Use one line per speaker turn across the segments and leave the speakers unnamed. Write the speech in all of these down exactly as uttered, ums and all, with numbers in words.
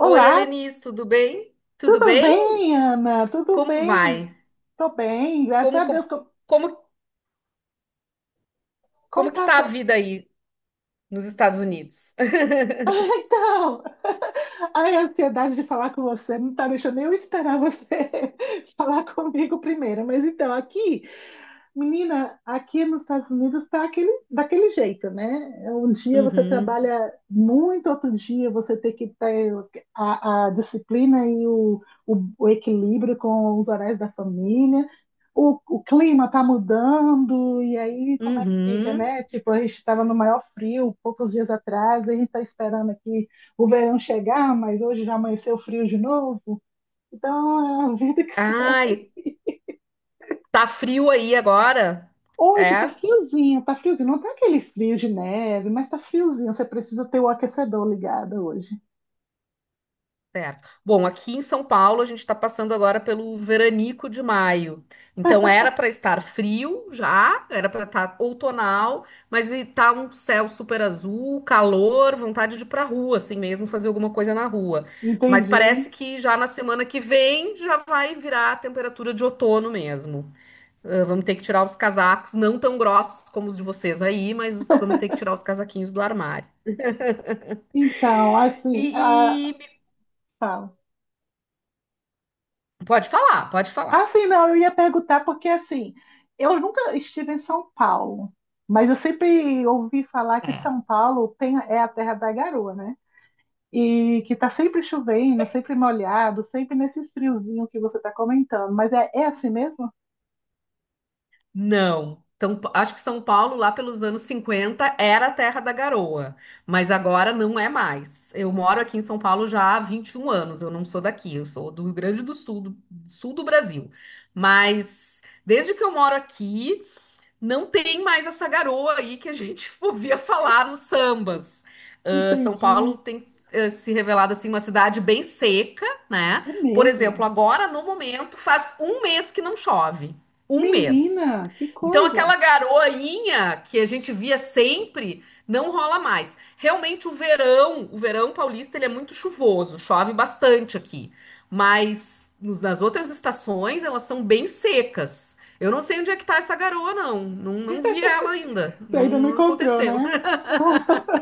Oi, Helenice, tudo bem? Tudo
tudo
bem?
bem, Ana? Tudo
Como vai?
bem? Tô bem, graças
Como,
a Deus.
como,
Co-
como,
Como,
como que
tá? a
tá a
sua-
vida aí nos Estados Unidos?
Ah, então, ai, a ansiedade de falar com você não tá deixando eu esperar você falar comigo primeiro. Mas então, aqui menina, aqui nos Estados Unidos está aquele, daquele jeito, né? Um dia você
Uhum,
trabalha muito, outro dia você tem que ter a, a disciplina e o, o, o equilíbrio com os horários da família. O, o clima está mudando, e aí como é que fica,
uhum.
né? Tipo, a gente estava no maior frio poucos dias atrás, e a gente está esperando aqui o verão chegar, mas hoje já amanheceu frio de novo. Então, é a vida que segue.
Ai, tá frio aí agora?
Hoje tá
É?
friozinho, tá friozinho. Não tá aquele frio de neve, mas tá friozinho. Você precisa ter o aquecedor ligado hoje.
Certo. Bom, aqui em São Paulo a gente está passando agora pelo veranico de maio. Então era para estar frio já, era para estar outonal, mas está um céu super azul, calor, vontade de ir para rua, assim mesmo, fazer alguma coisa na rua. Mas
Entendi.
parece que já na semana que vem já vai virar a temperatura de outono mesmo. Ah, vamos ter que tirar os casacos, não tão grossos como os de vocês aí, mas vamos ter que tirar os casaquinhos do armário.
Então,
E,
assim, ah,
e-
fala.
Pode falar, pode falar.
Assim, não, eu ia perguntar porque, assim, eu nunca estive em São Paulo, mas eu sempre ouvi falar que São Paulo tem, é a terra da garoa, né? E que tá sempre chovendo, sempre molhado, sempre nesse friozinho que você tá comentando. Mas é, é assim mesmo?
Não. Então, acho que São Paulo, lá pelos anos cinquenta era a terra da garoa, mas agora não é mais. Eu moro aqui em São Paulo já há vinte e um anos, eu não sou daqui, eu sou do Rio Grande do Sul, do sul do Brasil. Mas desde que eu moro aqui, não tem mais essa garoa aí que a gente ouvia falar nos sambas. Ah, São Paulo
Entendi.
tem ah, se revelado assim uma cidade bem seca, né?
É
Por exemplo,
mesmo.
agora no momento faz um mês que não chove, um mês.
Menina, que
Então
coisa!
aquela garoinha que a gente via sempre não rola mais. Realmente o verão, o verão paulista ele é muito chuvoso, chove bastante aqui, mas nos- nas outras estações elas são bem secas. Eu não sei onde é que tá essa garoa, não. Não, não vi ela ainda.
Você
Não,
ainda não
não
encontrou,
aconteceu.
né?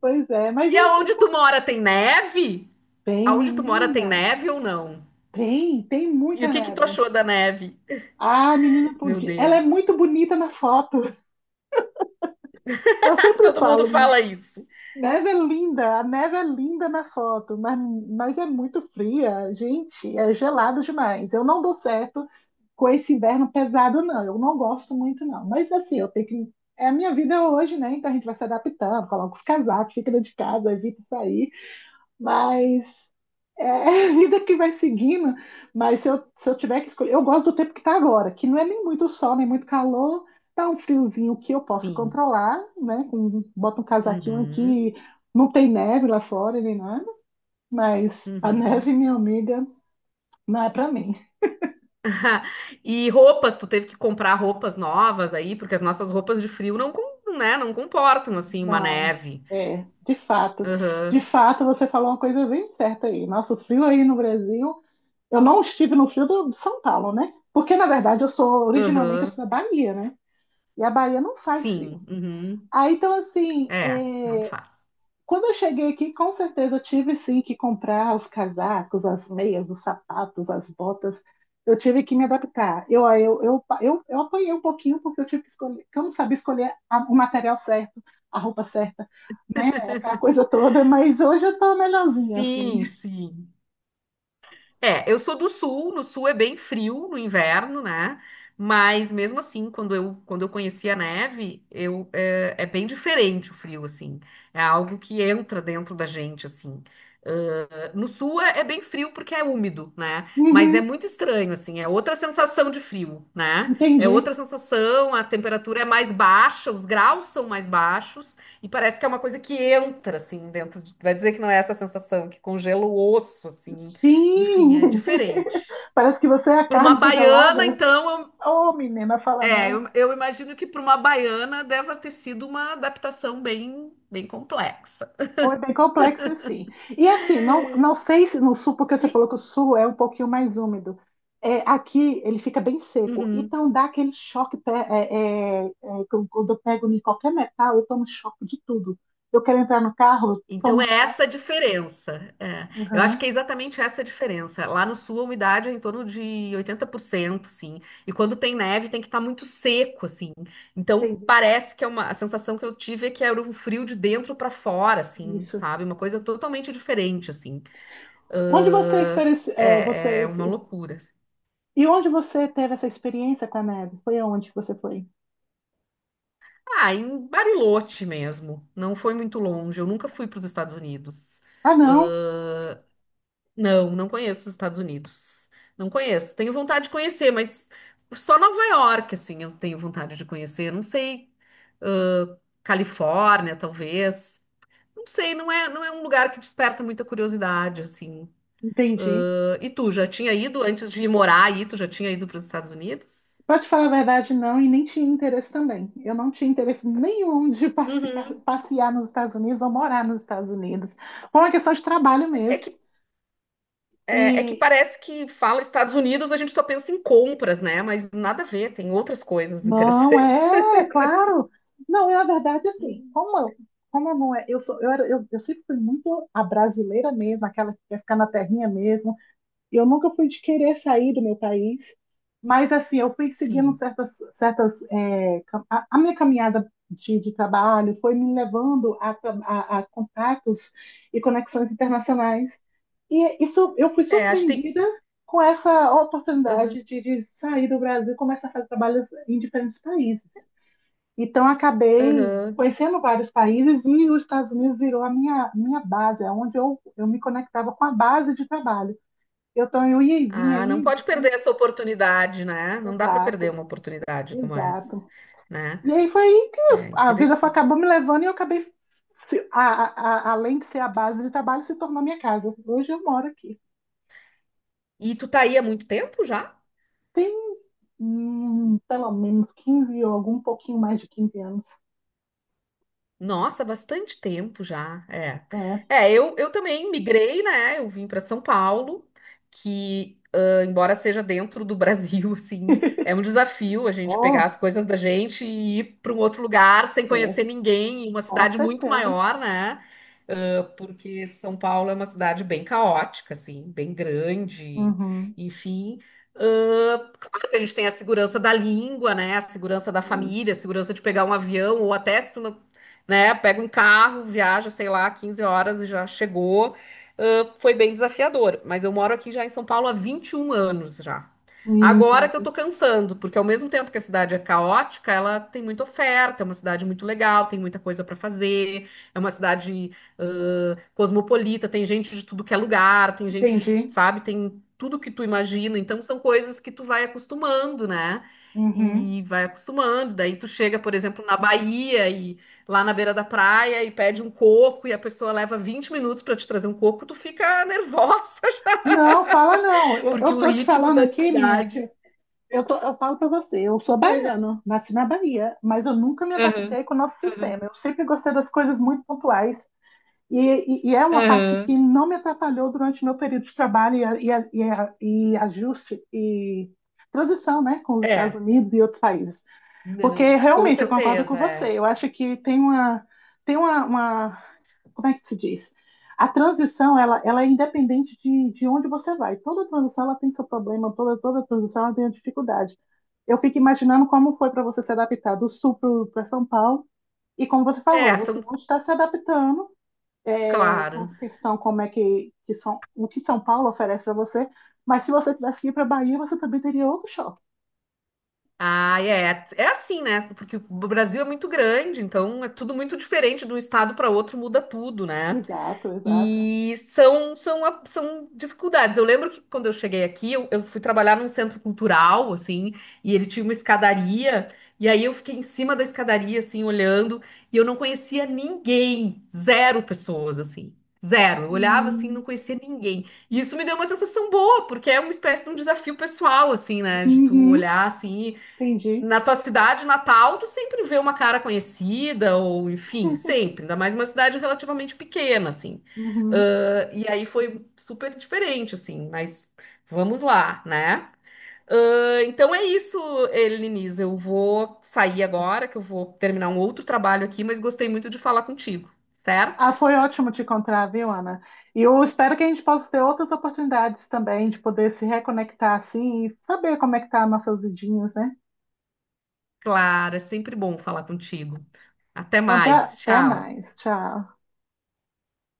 Pois é, mas e-
E
e-
aonde
tá
tu mora tem neve?
bem,
Aonde tu mora tem
menina,
neve ou não?
tem, tem
E
muita
o que que tu
neve.
achou da neve?
Ah, menina,
Meu
podia- ela é
Deus.
muito bonita na foto. Eu sempre
Todo mundo
falo,
fala isso.
neve é linda, a neve é linda na foto, mas, mas é muito fria, gente, é gelado demais. Eu não dou certo com esse inverno pesado, não. Eu não gosto muito, não. Mas assim, eu tenho que. É a minha vida hoje, né? Então a gente vai se adaptando, coloca os casacos, fica dentro de casa, evita sair. Mas é a vida que vai seguindo. Mas se eu, se eu tiver que escolher, eu gosto do tempo que está agora, que não é nem muito sol, nem muito calor, tá um friozinho que eu posso
Sim.
controlar, né? Com, bota um casaquinho
Uhum.
aqui, não tem neve lá fora nem nada, mas a neve,
Uhum.
minha amiga, não é para mim.
E roupas, tu teve que comprar roupas novas aí, porque as nossas roupas de frio não, com- né, não comportam assim uma
Não.
neve.
É, de fato. De
Aham.
fato, você falou uma coisa bem certa aí. Nosso frio aí no Brasil, eu não estive no frio do- de São Paulo, né? Porque, na verdade, eu sou originalmente assim,
Aham.
da Bahia, né? E a Bahia não faz frio.
Sim. Uhum.
Aí, então, assim,
É, não
é,
faz.
quando eu cheguei aqui, com certeza eu tive sim que comprar os casacos, as meias, os sapatos, as botas. Eu tive que me adaptar. Eu, eu, eu, eu, eu apanhei um pouquinho porque eu tive que escolher, que eu não sabia escolher a, o material certo, a roupa certa, né? Aquela coisa toda, mas hoje eu tô melhorzinha, assim.
Sim, sim. É, eu sou do sul, no sul é bem frio no inverno, né? Mas mesmo assim, quando eu, quando eu conheci a neve, eu, é, é bem diferente o frio, assim. É algo que entra dentro da gente, assim. No sul é, é bem frio porque é úmido, né? Mas é
Uhum,
muito estranho, assim, é outra sensação de frio, né? É
entendi.
outra sensação, a temperatura é mais baixa, os graus são mais baixos, e parece que é uma coisa que entra, assim, dentro de... Vai dizer que não é essa sensação, que congela o osso, assim. Enfim, é
Sim!
diferente.
Parece que você é a
Para uma
carne
baiana,
congelada.
então,
Ô, oh, menina, fala
eu, é,
não.
eu, eu imagino que para uma baiana deve ter sido uma adaptação bem, bem complexa.
Foi bem complexo, sim. E assim, não, não sei se no sul, porque você
E...
falou que o sul é um pouquinho mais úmido. É, aqui ele fica bem seco,
Uhum.
então dá aquele choque. te- é, é, é, quando quando eu pego em qualquer metal, eu tomo choque de tudo. Eu quero entrar no carro, eu
Então
tomo
é essa
choque.
a diferença. É. Eu acho que
Uhum,
é exatamente essa a diferença. Lá no sul a umidade é em torno de oitenta por cento, sim. E quando tem neve tem que estar muito seco, assim. Então
entendi
parece que é uma a sensação que eu tive é que era um frio de dentro para fora, assim,
isso.
sabe? Uma coisa totalmente diferente, assim.
Onde você,
Ahn,
experienci- é,
é,
você
é uma loucura. Assim.
e onde você teve essa experiência com a neve? Foi aonde que você foi?
Ah, em Bariloche mesmo. Não foi muito longe. Eu nunca fui para os Estados Unidos.
Ah, não,
Ahn, Não, não conheço os Estados Unidos. Não conheço. Tenho vontade de conhecer, mas só Nova York, assim, eu tenho vontade de conhecer. Não sei, ãh, Califórnia, talvez. Não sei, não é, não é um lugar que desperta muita curiosidade, assim.
entendi.
Ãh, e tu, já tinha ido antes de morar aí? Tu já tinha ido para os Estados Unidos?
Pra te falar a verdade, não, e nem tinha interesse também. Eu não tinha interesse nenhum de participar-
Uhum.
passear nos Estados Unidos ou morar nos Estados Unidos. Foi uma questão de trabalho
É
mesmo.
que, é, é que
E
parece que fala Estados Unidos, a gente só pensa em compras, né? Mas nada a ver, tem outras coisas
não
interessantes.
é, claro. Não, e na verdade, assim,
Uhum.
como eu, como eu não é, eu sou, eu era, eu, eu sempre fui muito a brasileira mesmo, aquela que quer ficar na terrinha mesmo. E eu nunca fui de querer sair do meu país, mas assim, eu fui seguindo
Sim.
certas, certas é, cam- a, a minha caminhada de, de trabalho foi me levando a, tra- a, a contatos e conexões internacionais. E isso, eu fui
É, acho que
surpreendida com essa
tem.
oportunidade de, de sair do Brasil e começar a fazer trabalhos em diferentes países. Então, acabei
Aham.
conhecendo vários países e os Estados Unidos virou a minha, minha base, é onde eu, eu me conectava com a base de trabalho. Eu tô eu ia e vinha
Ah, não
aí.
pode perder essa oportunidade, né? Não dá para perder
Exato,
uma oportunidade como essa,
exato.
né?
E aí foi aí que
É
a vida foi,
interessante.
acabou me levando e eu acabei, se- a- a- a- além de ser a base de trabalho, se tornou minha casa. Hoje eu moro aqui.
E tu tá aí há muito tempo já?
Tem, hum, pelo menos quinze ou algum pouquinho mais de quinze anos.
Nossa, bastante tempo já, é.
Né?
É, eu, eu também migrei, né? Eu vim para São Paulo, que, ah, embora seja dentro do Brasil, assim, é um desafio a gente pegar
Oh,
as coisas da gente e ir para um outro lugar sem conhecer
é,
ninguém, em uma
com
cidade muito
certeza.
maior, né? Ah, porque São Paulo é uma cidade bem caótica, assim, bem grande,
Uhum.
enfim. Ah, claro que a gente tem a segurança da língua, né? A segurança da
Sim.
família, a segurança de pegar um avião, ou até se tu não né? Pega um carro, viaja, sei lá, quinze horas e já chegou. Ah, foi bem desafiador, mas eu moro aqui já em São Paulo há vinte e um anos já. Agora que eu
Entendi.
tô cansando, porque ao mesmo tempo que a cidade é caótica, ela tem muita oferta, é uma cidade muito legal, tem muita coisa para fazer, é uma cidade ah, cosmopolita, tem gente de tudo que é lugar, tem gente de,
Entendi.
sabe, tem tudo que tu imagina, então são coisas que tu vai acostumando, né?
Uhum.
E vai acostumando, daí tu chega, por exemplo, na Bahia lá na beira da praia e pede um coco e a pessoa leva vinte minutos para te trazer um coco, tu fica nervosa,
Não, fala não. Eu,
porque
eu
o
tô te
ritmo
falando
da
aqui, menina, que
cidade.
Eu, tô- eu falo pra você, eu sou baiano, nasci na Bahia, mas eu nunca me
Aham,
adaptei com o nosso
aham,
sistema. Eu sempre gostei das coisas muito pontuais e, e- e é uma parte que
aham.
não me atrapalhou durante meu período de trabalho e, a- e, a- e, a- e ajuste e transição, né, com os Estados
É,
Unidos e outros países. Porque
não, com
realmente eu concordo
certeza,
com você.
é.
Eu acho que tem uma tem uma, uma como é que se diz? A transição, ela, ela é independente de, de onde você vai. Toda transição, ela tem seu problema, toda, toda transição, ela tem a dificuldade. Eu fico imaginando como foi para você se adaptar do Sul para São Paulo, e como você falou,
É,
você
são,
hoje está se adaptando é, com
claro.
a questão como é que, que São, o que São Paulo oferece para você, mas se você tivesse que ir para Bahia, você também teria outro choque.
Ah, é, é assim, né? Porque o Brasil é muito grande, então é tudo muito diferente de um estado para outro, muda tudo, né?
Exato, exato.
E são, são, a- são dificuldades. Eu lembro que quando eu cheguei aqui, eu, eu fui trabalhar num centro cultural, assim, e ele tinha uma escadaria, e aí eu fiquei em cima da escadaria, assim, olhando, e eu não conhecia ninguém, zero pessoas, assim, zero. Eu olhava assim, não
Hum,
conhecia ninguém. E isso me deu uma sensação boa, porque é uma espécie de um desafio pessoal, assim, né, de tu
Uhum,
olhar, assim,
entendi.
na tua cidade natal, tu sempre vê uma cara conhecida, ou enfim, sempre, ainda mais uma cidade relativamente pequena, assim.
Uhum.
Ahn, e aí foi super diferente, assim, mas vamos lá, né? Ahn, então é isso, Eliniz. Eu vou sair agora, que eu vou terminar um outro trabalho aqui, mas gostei muito de falar contigo, certo?
Ah, foi ótimo te encontrar, viu, Ana? E eu espero que a gente possa ter outras oportunidades também de poder se reconectar assim e saber como é que tá nossas vidinhas, né?
Claro, é sempre bom falar contigo. Até
Então, até,
mais,
até
tchau.
mais. Tchau.